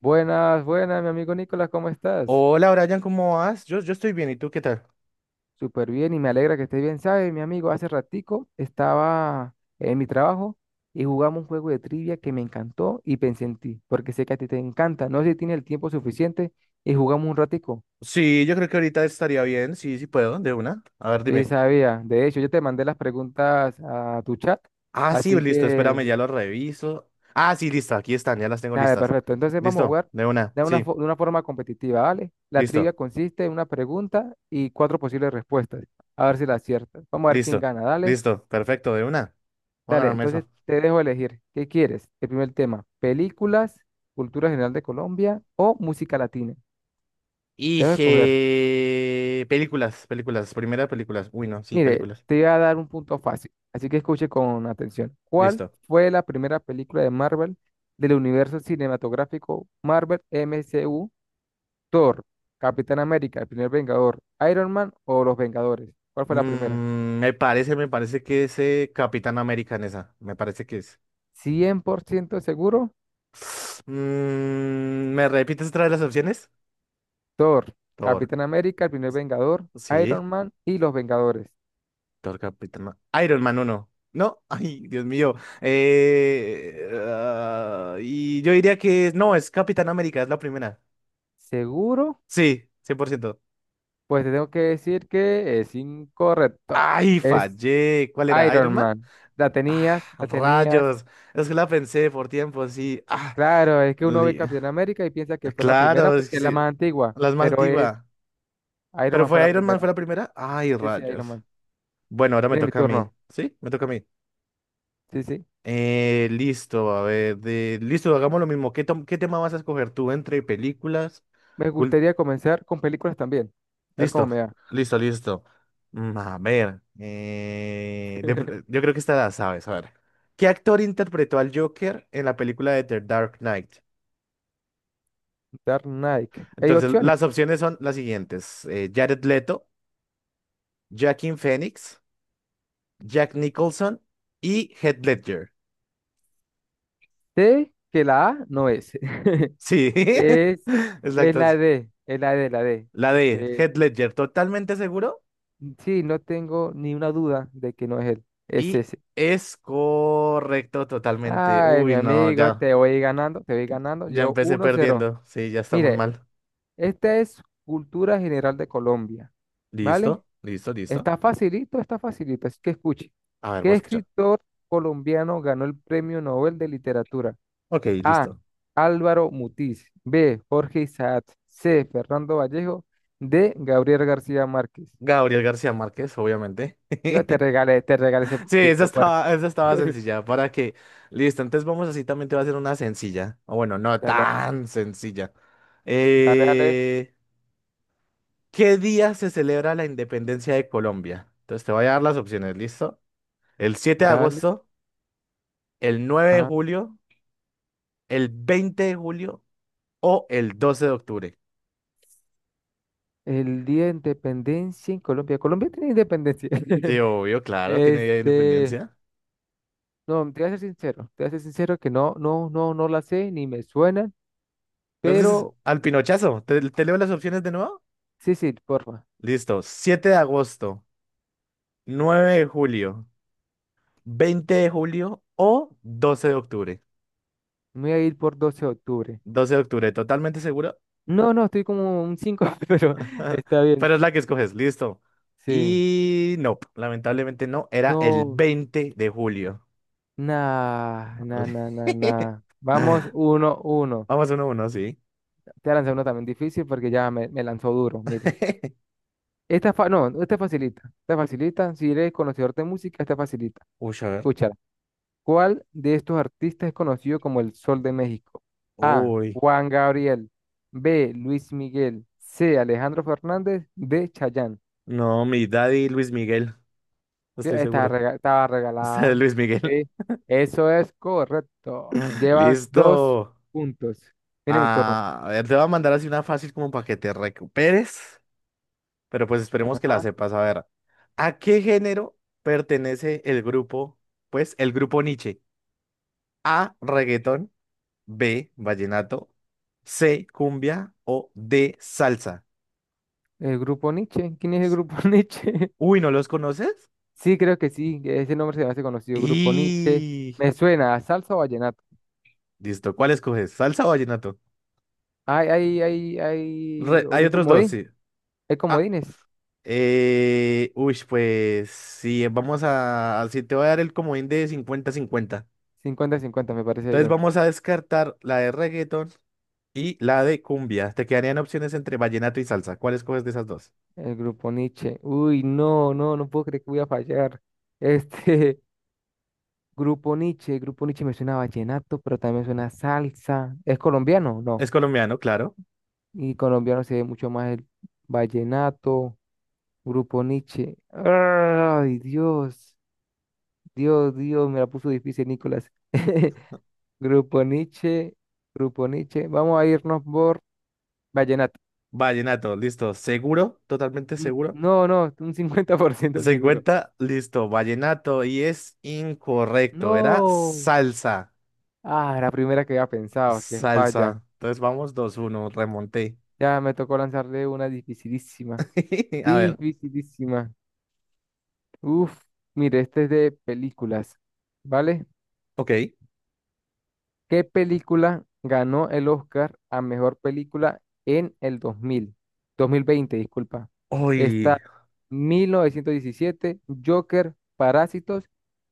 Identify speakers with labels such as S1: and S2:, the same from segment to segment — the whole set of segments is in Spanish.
S1: Buenas, buenas, mi amigo Nicolás, ¿cómo estás?
S2: Hola, Brian, ¿cómo vas? Yo estoy bien, ¿y tú qué tal?
S1: Súper bien y me alegra que estés bien. ¿Sabes, mi amigo? Hace ratico estaba en mi trabajo y jugamos un juego de trivia que me encantó y pensé en ti, porque sé que a ti te encanta. No sé si tienes el tiempo suficiente y jugamos un ratico.
S2: Sí, yo creo que ahorita estaría bien, sí, sí puedo, de una. A ver,
S1: Yo sí
S2: dime.
S1: sabía. De hecho, yo te mandé las preguntas a tu chat,
S2: Ah, sí,
S1: así
S2: listo,
S1: que
S2: espérame, ya lo reviso. Ah, sí, listo, aquí están, ya las tengo
S1: dale,
S2: listas.
S1: perfecto. Entonces vamos a
S2: Listo,
S1: jugar
S2: de una,
S1: de una,
S2: sí,
S1: de una forma competitiva, ¿vale? La trivia
S2: listo,
S1: consiste en una pregunta y cuatro posibles respuestas. A ver si la aciertas. Vamos a ver quién
S2: listo,
S1: gana, dale.
S2: listo, perfecto, de una. Voy a
S1: Dale,
S2: ganarme
S1: entonces
S2: eso.
S1: te dejo elegir. ¿Qué quieres? El primer tema, películas, cultura general de Colombia o música latina. Te
S2: Y
S1: dejo escoger.
S2: películas, primera películas. Uy, no, sí,
S1: Mire,
S2: películas.
S1: te voy a dar un punto fácil, así que escuche con atención. ¿Cuál
S2: Listo.
S1: fue la primera película de Marvel del universo cinematográfico Marvel MCU? Thor, Capitán América, el primer Vengador, Iron Man o Los Vengadores. ¿Cuál fue la primera?
S2: Me parece que es Capitán América en esa. Me parece que es.
S1: 100% seguro.
S2: ¿Me repites otra vez las opciones?
S1: Thor,
S2: Thor,
S1: Capitán América, el primer Vengador,
S2: sí,
S1: Iron Man y Los Vengadores.
S2: Thor Capitán Ma- Iron Man 1. No, ay, Dios mío. Y yo diría que no, es Capitán América, es la primera.
S1: ¿Seguro?
S2: Sí, 100%.
S1: Pues te tengo que decir que es incorrecto.
S2: Ay,
S1: Es
S2: fallé. ¿Cuál era?
S1: Iron
S2: ¿Iron Man?
S1: Man. La
S2: Ah,
S1: tenías, la tenías.
S2: rayos. Es que la pensé por tiempo, sí. Ah,
S1: Claro, es que uno ve
S2: li-
S1: Capitán América y piensa que fue la primera
S2: claro, es
S1: porque
S2: que
S1: es la
S2: sí.
S1: más antigua,
S2: La más
S1: pero es
S2: antigua.
S1: Iron
S2: ¿Pero
S1: Man, fue
S2: fue
S1: la
S2: Iron Man,
S1: primera.
S2: fue la primera? Ay,
S1: Sí, sí, Iron
S2: rayos.
S1: Man.
S2: Bueno, ahora me
S1: Tiene mi
S2: toca a mí.
S1: turno.
S2: ¿Sí? Me toca a mí.
S1: Sí, sí.
S2: Listo, a ver, listo, hagamos lo mismo. ¿Qué tema vas a escoger tú entre películas?
S1: Me
S2: cul-
S1: gustaría comenzar con películas también. A ver cómo
S2: Listo,
S1: me va.
S2: listo, listo. A ver, yo creo que esta la sabes. A ver, ¿qué actor interpretó al Joker en la película de The Dark Knight?
S1: Dark Knight. Hay
S2: Entonces, las
S1: opciones.
S2: opciones son las siguientes: Jared Leto, Joaquin Phoenix, Jack Nicholson y Heath Ledger.
S1: Sé que la A no es.
S2: Sí,
S1: Es, es
S2: exacto.
S1: la D, es la D.
S2: La de
S1: Eh,
S2: Heath Ledger, ¿totalmente seguro?
S1: Sí, no tengo ni una duda de que no es él. Es
S2: Y
S1: ese.
S2: es correcto totalmente.
S1: Ay, mi
S2: Uy, no,
S1: amigo,
S2: ya,
S1: te voy ganando, te voy ganando.
S2: ya
S1: Llevo
S2: empecé
S1: 1-0.
S2: perdiendo. Sí, ya estamos
S1: Mire,
S2: mal.
S1: esta es cultura general de Colombia, ¿vale?
S2: Listo, listo, listo.
S1: Está facilito, está facilito. Así que escuche.
S2: A ver, voy
S1: ¿Qué
S2: a escuchar.
S1: escritor colombiano ganó el Premio Nobel de Literatura?
S2: Ok,
S1: A.
S2: listo.
S1: Álvaro Mutis. B. Jorge Isaac. C. Fernando Vallejo. D. Gabriel García Márquez.
S2: Gabriel García Márquez, obviamente.
S1: Yo te regalé, te regalé ese
S2: Sí, esa
S1: puntico, por...
S2: estaba, esa estaba sencilla. ¿Para que Listo, entonces vamos así, también te va a hacer una sencilla. O bueno, no
S1: Dale.
S2: tan sencilla.
S1: Dale, dale,
S2: Eh, ¿Qué día se celebra la independencia de Colombia? Entonces te voy a dar las opciones, ¿listo? El siete de
S1: dale.
S2: agosto, el nueve de
S1: Ajá.
S2: julio. el 20 de julio o el 12 de octubre.
S1: El Día de Independencia en Colombia. Colombia tiene independencia.
S2: Sí, obvio, claro, tiene Día de
S1: Este,
S2: Independencia.
S1: no, te voy a ser sincero, te voy a ser sincero que no, no, no, no la sé ni me suena,
S2: Entonces,
S1: pero
S2: al pinochazo, ¿te leo las opciones de nuevo?
S1: sí, sí, porfa.
S2: Listo, 7 de agosto, 9 de julio, 20 de julio o 12 de octubre.
S1: Me voy a ir por 12 de octubre.
S2: 12 de octubre, totalmente seguro.
S1: No, no, estoy como un 5 pero está bien.
S2: Pero es la que escoges, listo.
S1: Sí.
S2: Y no, lamentablemente no, era el
S1: No,
S2: 20 de julio.
S1: nah, nah, nah, nah, nah. Vamos, uno, uno.
S2: Vamos 1-1, sí.
S1: Te voy a lanzar uno también difícil porque ya me lanzó duro, mire. Esta, no, esta facilita, si eres conocedor de música, esta facilita.
S2: Uy, a ver.
S1: Escúchala. ¿Cuál de estos artistas es conocido como el Sol de México? A.
S2: Uy.
S1: Juan Gabriel. B. Luis Miguel. C. Alejandro Fernández. D. Chayanne.
S2: No, mi daddy Luis Miguel, estoy
S1: Eh, Estaba,
S2: seguro.
S1: rega- estaba
S2: Usted es
S1: regalada.
S2: Luis Miguel.
S1: Sí, eso es correcto. Llevas dos
S2: Listo.
S1: puntos. Viene mi turno.
S2: Ah, a ver, te voy a mandar así una fácil como para que te recuperes, pero pues esperemos que la
S1: Ajá.
S2: sepas. A ver, ¿a qué género pertenece el grupo? Pues el grupo Niche. A, reggaetón, B, vallenato, C, cumbia o D, salsa.
S1: El grupo Nietzsche. ¿Quién es el grupo Nietzsche?
S2: Uy, ¿no los conoces?
S1: Sí, creo que sí, ese nombre se me hace conocido, Grupo Nietzsche.
S2: Y
S1: Me suena a salsa o vallenato.
S2: listo, ¿cuál escoges? ¿Salsa o vallenato?
S1: Hay
S2: Hay
S1: un
S2: otros dos,
S1: comodín,
S2: sí.
S1: hay
S2: Ah.
S1: comodines.
S2: Uy, pues sí, si te voy a dar el comodín de 50-50.
S1: Cincuenta, cincuenta, me parece
S2: Entonces
S1: bien.
S2: vamos a descartar la de reggaeton y la de cumbia. Te quedarían opciones entre vallenato y salsa. ¿Cuál escoges de esas dos?
S1: El Grupo Nietzsche. Uy, no, no, no puedo creer que voy a fallar. Este, Grupo Nietzsche, Grupo Nietzsche me suena a vallenato, pero también me suena a salsa. ¿Es colombiano? No.
S2: Es colombiano, claro.
S1: Y colombiano se ve mucho más el vallenato, Grupo Nietzsche. Ay, Dios, Dios, Dios, me la puso difícil, Nicolás. Grupo Nietzsche, Grupo Nietzsche. Vamos a irnos por vallenato.
S2: Vallenato, listo. ¿Seguro? Totalmente
S1: Mm,
S2: seguro.
S1: no, no, un 50% seguro.
S2: 50, listo. Vallenato y es incorrecto. Era
S1: No.
S2: salsa.
S1: Ah, la primera que había pensado, que falla.
S2: Salsa. Entonces vamos 2-1. Remonté.
S1: Ya me tocó lanzarle una dificilísima.
S2: A ver,
S1: Dificilísima. Uf, mire, este es de películas, ¿vale?
S2: ok.
S1: ¿Qué película ganó el Oscar a mejor película en el dos mil veinte? Disculpa.
S2: Uy.
S1: Está 1917, Joker, Parásitos,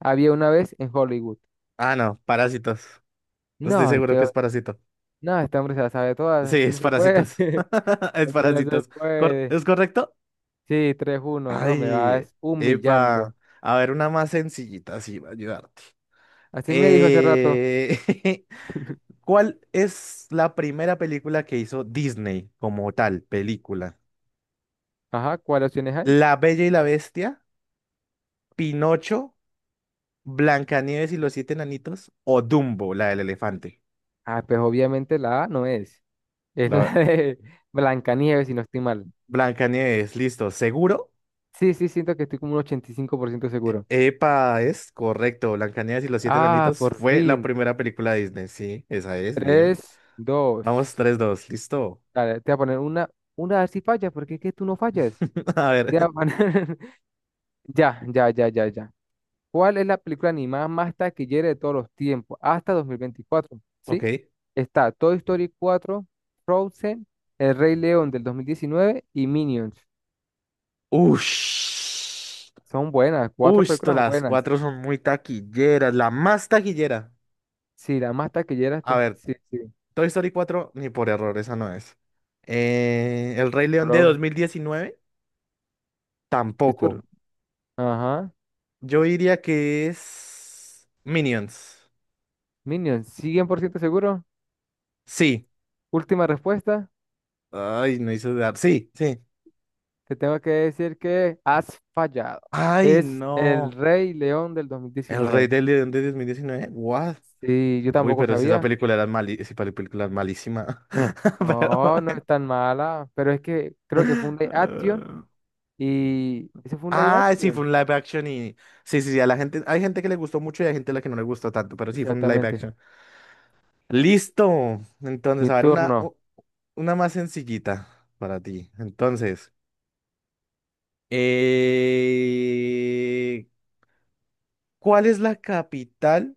S1: Había una vez en Hollywood.
S2: Ah, no, parásitos. Estoy
S1: No,
S2: seguro que
S1: este,
S2: es parásito.
S1: no, este hombre se la sabe
S2: Sí,
S1: todas, así no
S2: es
S1: se puede, así,
S2: parásitos. Es
S1: así no se
S2: parásitos.
S1: puede.
S2: ¿Es correcto?
S1: Sí, tres uno, no, me
S2: Ay,
S1: vas
S2: epa.
S1: humillando.
S2: A ver, una más sencillita, así va a ayudarte.
S1: Así me dijo hace rato.
S2: Eh, ¿Cuál es la primera película que hizo Disney como tal, película?
S1: Ajá, ¿cuáles opciones hay?
S2: ¿La Bella y la Bestia, Pinocho, Blancanieves y los siete enanitos o Dumbo, la del elefante?
S1: Ah, pues obviamente la A no es. Es
S2: La
S1: la de Blancanieves, si no estoy mal.
S2: Blancanieves, listo, ¿seguro?
S1: Sí, sí, siento que estoy como un 85% seguro.
S2: Epa, es correcto. Blancanieves y los siete
S1: Ah,
S2: enanitos
S1: por
S2: fue la
S1: fin.
S2: primera película de Disney. Sí, esa es, bien.
S1: Tres, dos.
S2: Vamos, 3-2, listo.
S1: Dale, te voy a poner una a ver si falla, porque es que tú no fallas.
S2: A
S1: Te voy a
S2: ver,
S1: poner... Ya, ya, ya, ya, ya. ¿Cuál es la película animada más taquillera de todos los tiempos, hasta 2024? ¿Sí?
S2: ok.
S1: Está Toy Story 4, Frozen, El Rey León del 2019 y Minions.
S2: Ush.
S1: Son buenas, cuatro
S2: Ush,
S1: películas
S2: las
S1: buenas.
S2: cuatro son muy taquilleras, la más taquillera.
S1: Sí, la más taquillera.
S2: A
S1: Está-
S2: ver,
S1: sí, sí.
S2: Toy Story 4 ni por error, esa no es. El Rey León de
S1: Bro,
S2: 2019,
S1: es tu-
S2: tampoco.
S1: ajá.
S2: Yo diría que es Minions.
S1: Minion, sí, 100% seguro.
S2: Sí.
S1: Última respuesta.
S2: Ay, no hizo dudar. Sí, sí.
S1: Te tengo que decir que has fallado.
S2: Ay,
S1: Es el
S2: no.
S1: Rey León del dos mil
S2: El Rey
S1: diecinueve.
S2: del León de 2019, What?
S1: Sí, yo
S2: Uy,
S1: tampoco
S2: pero si esa
S1: sabía.
S2: película era mali esa película es malísima. Pero
S1: No, no
S2: bueno.
S1: es tan mala, pero es que creo que fue un live action
S2: Eh,
S1: y ese fue un live
S2: sí, fue
S1: action.
S2: un live action y. Sí, sí, sí. A la gente, hay gente que le gustó mucho y hay gente a la que no le gustó tanto, pero sí, fue un live
S1: Exactamente.
S2: action. Listo. Entonces,
S1: Mi
S2: a ver, una,
S1: turno.
S2: u- una más sencillita para ti. Entonces, eh, ¿cuál es la capital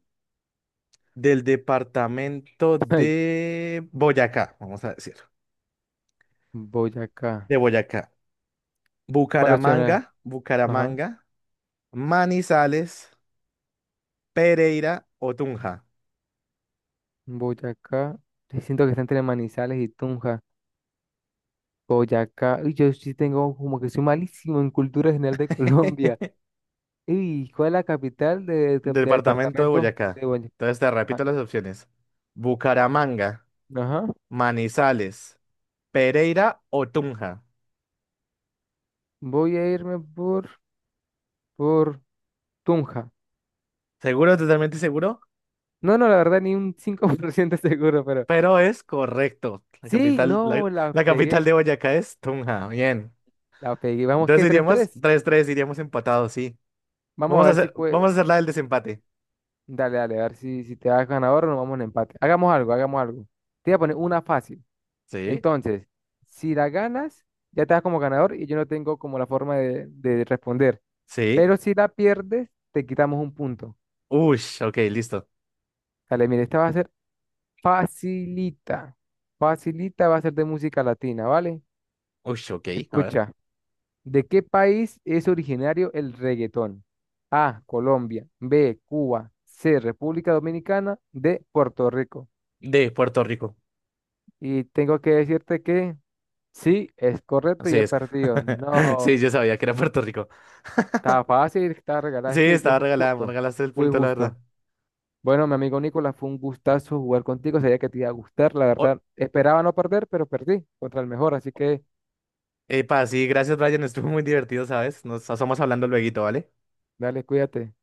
S2: del departamento
S1: Ay,
S2: de Boyacá? Vamos a decir.
S1: Boyacá.
S2: De Boyacá.
S1: ¿Cuál opción es?
S2: Bucaramanga,
S1: Ajá.
S2: Bucaramanga, Manizales, Pereira o Tunja.
S1: Boyacá. Sí, siento que está entre Manizales y Tunja. Boyacá. Uy, yo sí tengo como que soy malísimo en cultura general de Colombia. ¿Y cuál es la capital del
S2: Departamento de
S1: departamento
S2: Boyacá.
S1: de Boyacá?
S2: Entonces te repito las opciones. Bucaramanga,
S1: Ajá.
S2: Manizales, Pereira o Tunja.
S1: Voy a irme por, Tunja.
S2: Seguro, totalmente seguro,
S1: No, no, la verdad, ni un cinco por ciento seguro, pero.
S2: pero es correcto. La
S1: Sí,
S2: capital, la,
S1: no, la
S2: la capital
S1: pegué.
S2: de Boyacá es Tunja. Bien.
S1: La pegué. Vamos, qué,
S2: Entonces
S1: tres
S2: iríamos
S1: tres.
S2: 3-3, iríamos empatados, sí.
S1: Vamos a ver si puede.
S2: Vamos a hacer la del desempate.
S1: Dale, dale, a ver si te das ganador o nos vamos en empate. Hagamos algo, hagamos algo. Te voy a poner una fácil.
S2: Sí,
S1: Entonces, si la ganas, ya te das como ganador y yo no tengo como la forma de responder.
S2: sí.
S1: Pero si la pierdes, te quitamos un punto.
S2: Ush, ok, listo.
S1: Dale, mire, esta va a ser facilita. Facilita va a ser de música latina, ¿vale?
S2: Ush, ok, a ver.
S1: Escucha. ¿De qué país es originario el reggaetón? A, Colombia. B, Cuba. C, República Dominicana. D, Puerto Rico.
S2: De Puerto Rico.
S1: Y tengo que decirte que sí, es correcto y
S2: Así
S1: he
S2: es.
S1: perdido.
S2: Sí,
S1: No,
S2: yo sabía que era Puerto Rico.
S1: estaba fácil, estaba regalada.
S2: Sí,
S1: Es que yo
S2: estaba
S1: fui
S2: regalada, me
S1: justo,
S2: regalaste el
S1: fui
S2: punto, la verdad.
S1: justo. Bueno, mi amigo Nicolás, fue un gustazo jugar contigo. Sabía que te iba a gustar, la
S2: Oh,
S1: verdad. Esperaba no perder, pero perdí contra el mejor, así que
S2: epa, sí, gracias, Brian. Estuvo muy divertido, ¿sabes? Nos estamos hablando luego, ¿vale?
S1: dale, cuídate.